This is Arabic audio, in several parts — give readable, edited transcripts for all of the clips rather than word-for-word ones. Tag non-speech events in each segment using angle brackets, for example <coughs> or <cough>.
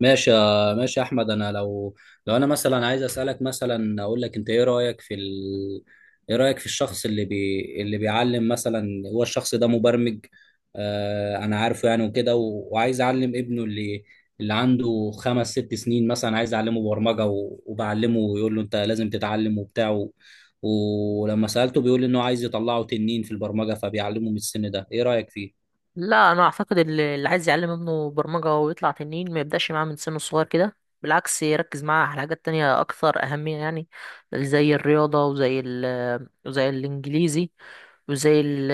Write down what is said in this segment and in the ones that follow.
ماشي يا احمد انا لو انا مثلا عايز اسالك، مثلا اقول لك، انت ايه رايك في ايه رايك في الشخص اللي بيعلم مثلا؟ هو الشخص ده مبرمج، آه انا عارفه، يعني وكده وعايز اعلم ابنه اللي عنده خمس ست سنين مثلا، عايز اعلمه برمجه وبعلمه ويقول له انت لازم تتعلم وبتاع، ولما سالته بيقول انه عايز يطلعه تنين في البرمجه، فبيعلمه من السن ده. ايه رايك فيه؟ لا، انا اعتقد اللي عايز يعلم ابنه برمجة ويطلع تنين ما يبدأش معاه من سنه الصغير كده. بالعكس، يركز معاه على حاجات تانية اكثر اهمية يعني، زي الرياضة، وزي وزي الانجليزي، وزي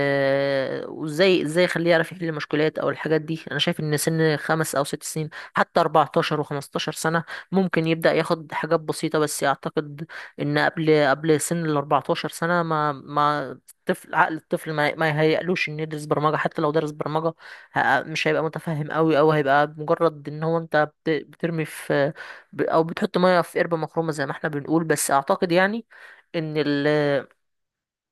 وزي ازاي يخليه يعرف يحل مشكلات او الحاجات دي. انا شايف ان سن خمس او ست سنين حتى 14 و15 سنة ممكن يبدأ ياخد حاجات بسيطة، بس اعتقد ان قبل سن ال 14 سنة ما ما الطفل، عقل الطفل ما ما يهيألوش انه يدرس برمجة. حتى لو درس برمجة، مش هيبقى متفهم قوي، او هيبقى مجرد ان هو انت بترمي في، او بتحط مية في قربة مخرومة زي ما احنا بنقول. بس اعتقد يعني ان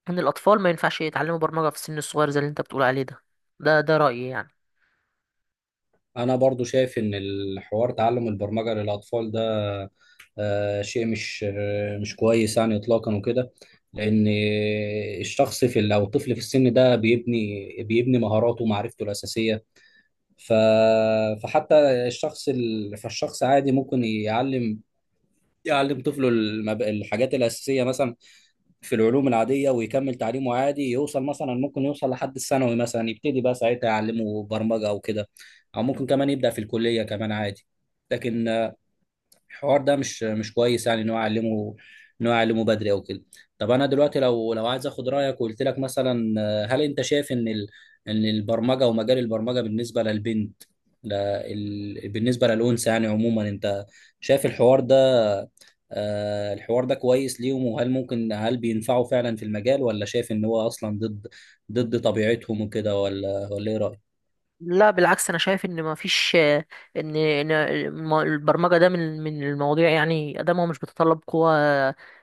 ان الاطفال ما ينفعش يتعلموا برمجة في السن الصغير زي اللي انت بتقول عليه ده. ده رأيي يعني. انا برضو شايف ان الحوار تعلم البرمجه للاطفال ده، شيء مش كويس يعني اطلاقا وكده. لان الشخص في او الطفل في السن ده بيبني مهاراته ومعرفته الاساسيه. ف فحتى فالشخص عادي ممكن يعلم طفله الحاجات الاساسيه، مثلا في العلوم العاديه، ويكمل تعليمه عادي، يوصل مثلا، ممكن يوصل لحد الثانوي مثلا، يبتدي بقى ساعتها يعلمه برمجه او كده، او ممكن كمان يبدا في الكليه كمان عادي. لكن الحوار ده مش كويس يعني، ان هو يعلمه بدري او كده. طب انا دلوقتي لو عايز اخد رايك وقلت لك مثلا، هل انت شايف ان ان البرمجه ومجال البرمجه بالنسبه للبنت، بالنسبه للانثى يعني عموما، انت شايف الحوار ده، الحوار ده كويس ليهم؟ وهل ممكن، هل بينفعوا فعلا في المجال، ولا شايف ان هو اصلا ضد طبيعتهم وكده؟ ولا ايه رأيك؟ لا، بالعكس، انا شايف ان ما فيش، ان البرمجه ده من المواضيع يعني ادامها مش بتتطلب قوه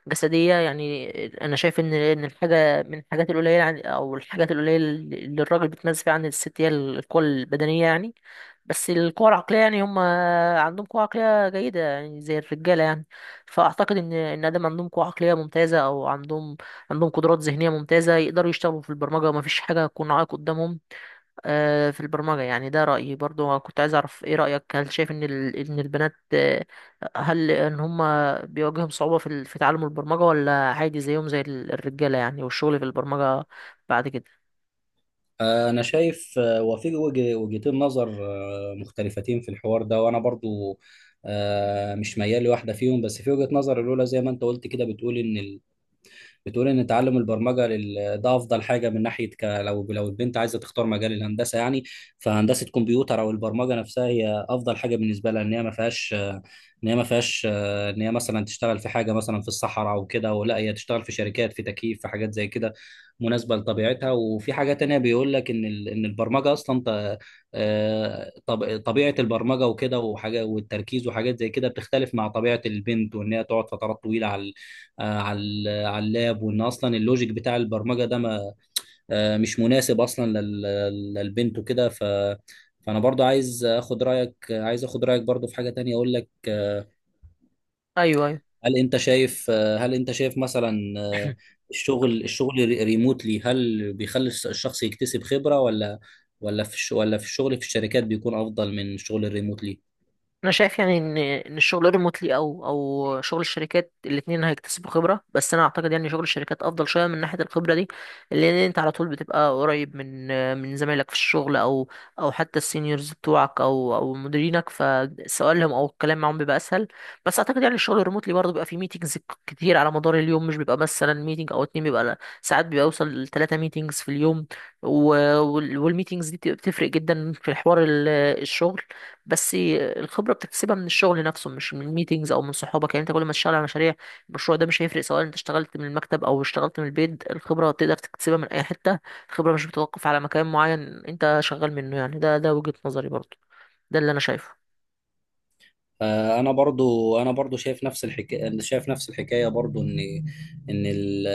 جسديه يعني. انا شايف ان الحاجه من الحاجات القليله او الحاجات القليله اللي الراجل بيتميز فيها عن الست هي القوه البدنيه يعني. بس القوه العقليه يعني هم عندهم قوه عقليه جيده يعني زي الرجاله يعني. فاعتقد ان ادام عندهم قوه عقليه ممتازه، او عندهم قدرات ذهنيه ممتازه، يقدروا يشتغلوا في البرمجه وما فيش حاجه تكون عائق قدامهم في البرمجة يعني. ده رأيي. برضو كنت عايز أعرف إيه رأيك، هل شايف إن إن البنات، هل إن هما بيواجههم صعوبة في تعلم البرمجة، ولا عادي زيهم زي الرجالة يعني، والشغل في البرمجة بعد كده؟ أنا شايف، وفي وجهتين نظر مختلفتين في الحوار ده، وأنا برضو مش ميال لواحدة فيهم. بس في وجهة نظر الأولى زي ما أنت قلت كده، بتقول ان تعلم البرمجه ده افضل حاجه من ناحيه لو البنت عايزه تختار مجال الهندسه يعني، فهندسه كمبيوتر او البرمجه نفسها هي افضل حاجه بالنسبه لها، ان هي ما فيهاش ان هي مثلا تشتغل في حاجه مثلا في الصحراء او كده، ولا هي تشتغل في شركات في تكييف في حاجات زي كده، مناسبه لطبيعتها. وفي حاجه تانية بيقول لك ان ان البرمجه اصلا طبيعه البرمجه وكده وحاجه والتركيز وحاجات زي كده بتختلف مع طبيعه البنت، وان هي تقعد فترات طويله على على على اللاب، وان اصلا اللوجيك بتاع البرمجه ده ما آه، مش مناسب اصلا للبنت وكده. فانا برضو عايز اخد رايك، عايز اخد رايك برضو في حاجه تانية اقول لك، أيوه، أيوه، هل انت شايف، هل انت شايف مثلا، ريموتلي هل بيخلي الشخص يكتسب خبره؟ ولا في ولا في الشغل في الشركات بيكون افضل من الشغل الريموتلي؟ انا شايف يعني ان الشغل ريموتلي او شغل الشركات، الاثنين هيكتسبوا خبره. بس انا اعتقد يعني شغل الشركات افضل شويه من ناحيه الخبره دي، لان انت على طول بتبقى قريب من زمايلك في الشغل، او او حتى السينيورز بتوعك او مديرينك، فسؤالهم او الكلام معاهم بيبقى اسهل. بس اعتقد يعني الشغل الريموتلي برضه بيبقى فيه ميتينجز كتير على مدار اليوم. مش بيبقى مثلا ميتينج او اتنين، بيبقى ساعات، بيوصل لثلاثه ميتينجز في اليوم. والميتينجز دي بتبقى بتفرق جدا في حوار الشغل. بس الخبره بتكتسبها من الشغل نفسه، مش من ميتينجز او من صحابك. يعني انت كل ما تشتغل على مشاريع، المشروع ده مش هيفرق سواء انت اشتغلت من المكتب او اشتغلت من البيت. الخبره تقدر تكتسبها من اي حته. الخبره مش بتتوقف على مكان معين انت شغال منه يعني. ده وجهه نظري برضه. ده اللي انا شايفه. انا برضو، شايف نفس الحكايه، انا شايف نفس الحكايه برضو، ان ان ال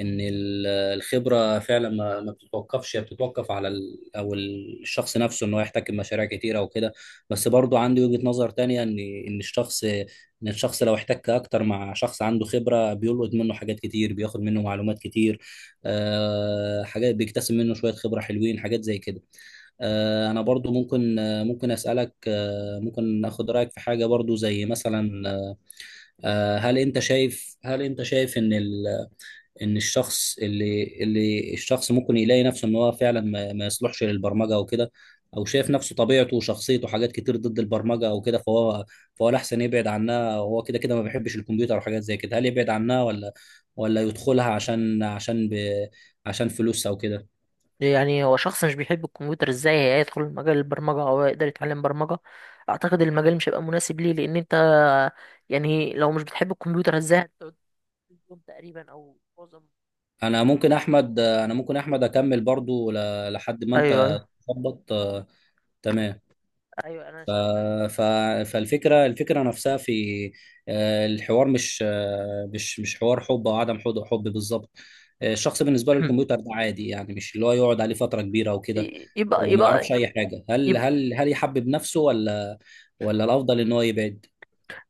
ان الخبره فعلا ما بتتوقفش، هي بتتوقف على ال، او الشخص نفسه، ان هو يحتكم مشاريع كتيره وكده. بس برضو عندي وجهه نظر تانية، ان الشخص لو احتك اكتر مع شخص عنده خبره، بيلقط منه حاجات كتير، بياخد منه معلومات كتير، حاجات، بيكتسب منه شويه خبره حلوين، حاجات زي كده. انا برضو ممكن اسالك، ممكن اخد رايك في حاجه برضو زي مثلا، هل انت شايف ان ان الشخص اللي ممكن يلاقي نفسه ان هو فعلا ما يصلحش للبرمجه او كده، او شايف نفسه طبيعته وشخصيته حاجات كتير ضد البرمجه او كده، فهو الاحسن يبعد عنها، وهو كده كده ما بيحبش الكمبيوتر وحاجات زي كده. هل يبعد عنها ولا يدخلها عشان عشان ب عشان فلوس او كده؟ يعني هو شخص مش بيحب الكمبيوتر، ازاي هيدخل مجال البرمجه او يقدر يتعلم برمجه؟ اعتقد المجال مش هيبقى مناسب ليه، لان انت يعني لو مش بتحب الكمبيوتر، ازاي هتقعد طول اليوم تقريبا او معظم، او انا ممكن احمد اكمل برضو لحد ما ايوه، انت ايوه، تظبط، تمام. ايوه، انا ف... ف... فالفكره، الفكره نفسها في آه، الحوار مش مش حوار حب او عدم حب، حب بالظبط. الشخص بالنسبه له شايف <clears throat> الكمبيوتر <coughs> ده عادي، يعني مش اللي هو يقعد عليه فتره كبيره او كده، يبقى وما يبقى يعرفش اي حاجه. هل يبقى هل هل يحبب نفسه، ولا ولا الافضل ان هو يبعد؟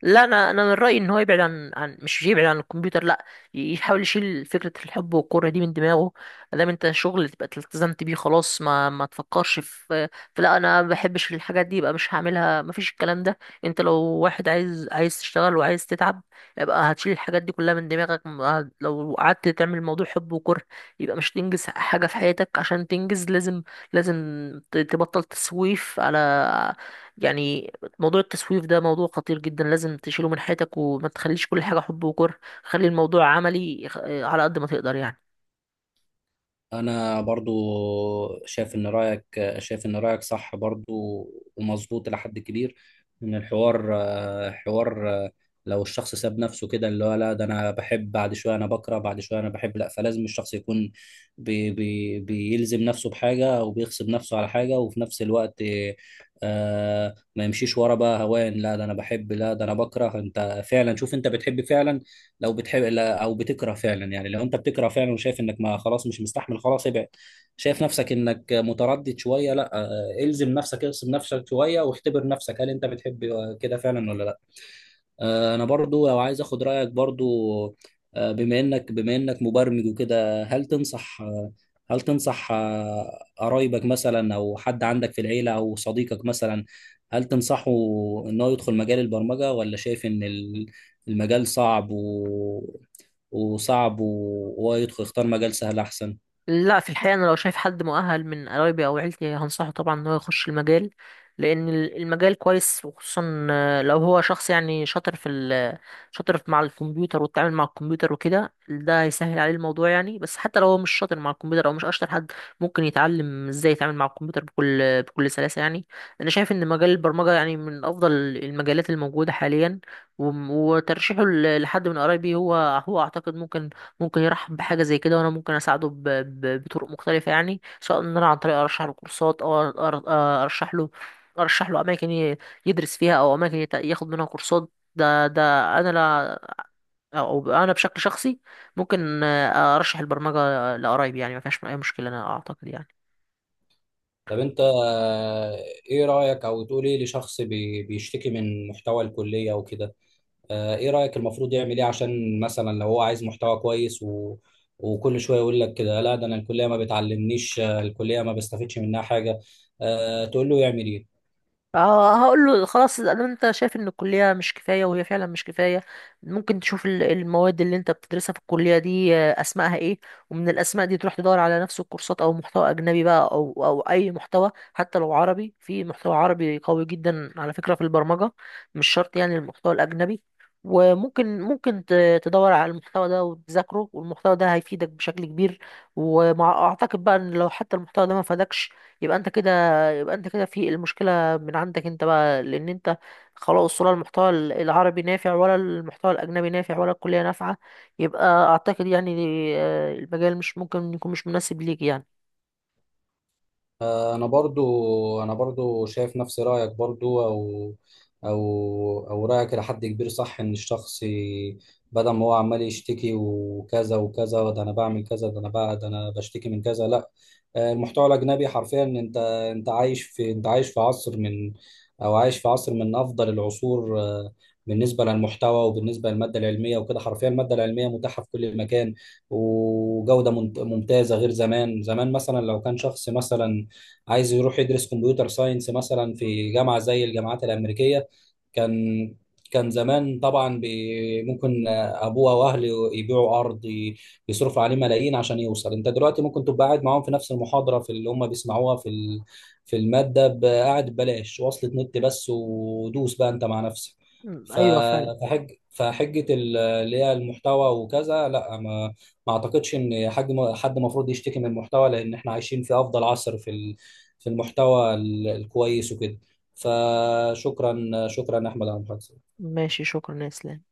لا، انا من رايي ان هو يبعد عن، مش يبعد عن الكمبيوتر لا. يحاول يشيل فكره الحب والكره دي من دماغه. ما دام انت شغل تبقى التزمت بيه، خلاص، ما ما تفكرش في، في لا انا ما بحبش الحاجات دي يبقى مش هعملها. ما فيش الكلام ده. انت لو واحد عايز، تشتغل وعايز تتعب، يبقى هتشيل الحاجات دي كلها من دماغك. لو قعدت تعمل موضوع حب وكره، يبقى مش تنجز حاجه في حياتك. عشان تنجز لازم، لازم تبطل تسويف على يعني. موضوع التسويف ده موضوع خطير جدا، لازم تشيله من حياتك وما تخليش كل حاجة حب وكره. خلي الموضوع عملي، على قد ما تقدر يعني. انا برضو شايف ان رايك، صح برضو ومظبوط الى حد كبير. ان الحوار حوار، لو الشخص ساب نفسه كده، اللي هو لا ده انا بحب بعد شويه، انا بكره بعد شويه، انا بحب، لا. فلازم الشخص يكون بي بي بيلزم نفسه بحاجه او بيغصب نفسه على حاجه، وفي نفس الوقت آه ما يمشيش ورا بقى هوان، لا ده انا بحب، لا ده انا بكره. انت فعلا شوف انت بتحب فعلا، لو بتحب، او بتكره فعلا يعني. لو انت بتكره فعلا وشايف انك ما خلاص مش مستحمل، خلاص ابعد. شايف نفسك انك متردد شويه، لا، الزم نفسك، اغصب نفسك شويه واختبر نفسك، هل انت بتحب كده فعلا ولا لا. انا برضو لو عايز اخد رايك برضو، بما انك مبرمج وكده، هل تنصح، هل تنصح، قرايبك مثلا او حد عندك في العيله او صديقك مثلا، هل تنصحه ان هو يدخل مجال البرمجه، ولا شايف ان المجال صعب وصعب، وهو يدخل يختار مجال سهل احسن؟ لا، في الحقيقة أنا لو شايف حد مؤهل من قرايبي أو عيلتي هنصحه طبعا إن هو يخش المجال، لأن المجال كويس. وخصوصا لو هو شخص يعني شاطر في شاطر مع الكمبيوتر والتعامل مع الكمبيوتر وكده، ده هيسهل عليه الموضوع يعني. بس حتى لو هو مش شاطر مع الكمبيوتر، أو مش أشطر حد، ممكن يتعلم إزاي يتعامل مع الكمبيوتر بكل سلاسة يعني. أنا شايف إن مجال البرمجة يعني من أفضل المجالات الموجودة حاليا. وترشيحه لحد من قرايبي هو، أعتقد ممكن، ممكن يرحب بحاجة زي كده. وأنا ممكن أساعده بطرق مختلفة يعني، سواء إن أنا عن طريق أرشح له كورسات، أو أر... آه، أرشح له أرشح له أماكن يدرس فيها، أو أماكن ياخد منها كورسات. ده أنا لا، أو أنا بشكل شخصي ممكن أرشح البرمجة لقرايبي. يعني ما فيهاش أي مشكلة أنا أعتقد يعني. طب انت، ايه رأيك او تقول ايه لشخص بيشتكي من محتوى الكلية وكده؟ ايه رأيك، المفروض يعمل ايه عشان مثلا لو هو عايز محتوى كويس، وكل شوية يقول لك كده، لا ده انا الكلية ما بتعلمنيش، الكلية ما بستفدش منها حاجة، تقول له يعمل ايه؟ اه، هقول له خلاص، ده انت شايف ان الكليه مش كفايه، وهي فعلا مش كفايه. ممكن تشوف المواد اللي انت بتدرسها في الكليه دي اسمائها ايه، ومن الاسماء دي تروح تدور على نفس الكورسات او محتوى اجنبي بقى، او او اي محتوى. حتى لو عربي، في محتوى عربي قوي جدا على فكره في البرمجه، مش شرط يعني المحتوى الاجنبي. وممكن، ممكن تدور على المحتوى ده وتذاكره، والمحتوى ده هيفيدك بشكل كبير. ومع اعتقد بقى ان لو حتى المحتوى ده ما فادكش، يبقى انت كده، يبقى انت كده في المشكله من عندك انت بقى. لان انت خلاص، ولا المحتوى العربي نافع، ولا المحتوى الاجنبي نافع، ولا الكلية نافعة، يبقى اعتقد يعني المجال مش ممكن، يكون مش مناسب ليك يعني. انا برضو، شايف نفس رأيك برضو، او او رأيك لحد كبير صح، ان الشخص بدل ما هو عمال يشتكي وكذا وكذا، ده انا بعمل كذا، ده انا بقى، ده انا بشتكي من كذا، لا. المحتوى الاجنبي حرفيا، انت انت عايش في عصر من، او عايش في عصر من افضل العصور، بالنسبه للمحتوى وبالنسبه للماده العلميه وكده. حرفيا الماده العلميه متاحه في كل مكان، وجوده ممتازه، غير زمان. زمان مثلا لو كان شخص مثلا عايز يروح يدرس كمبيوتر ساينس مثلا في جامعه زي الجامعات الامريكيه، كان كان زمان طبعا ممكن ابوه واهله يبيعوا ارض، بيصرفوا عليه ملايين عشان يوصل. انت دلوقتي ممكن تبقى قاعد معاهم في نفس المحاضره، في اللي هم بيسمعوها في في الماده، قاعد ببلاش، وصلة نت بس ودوس بقى انت مع نفسك. م، ف- ايوه فعلا. فحجه اللي هي المحتوى وكذا، لا، ما اعتقدش ان حد المفروض يشتكي من المحتوى، لان احنا عايشين في افضل عصر في في المحتوى الكويس وكده. فشكرا احمد على المحادثه. ماشي، شكرا يا اسلام.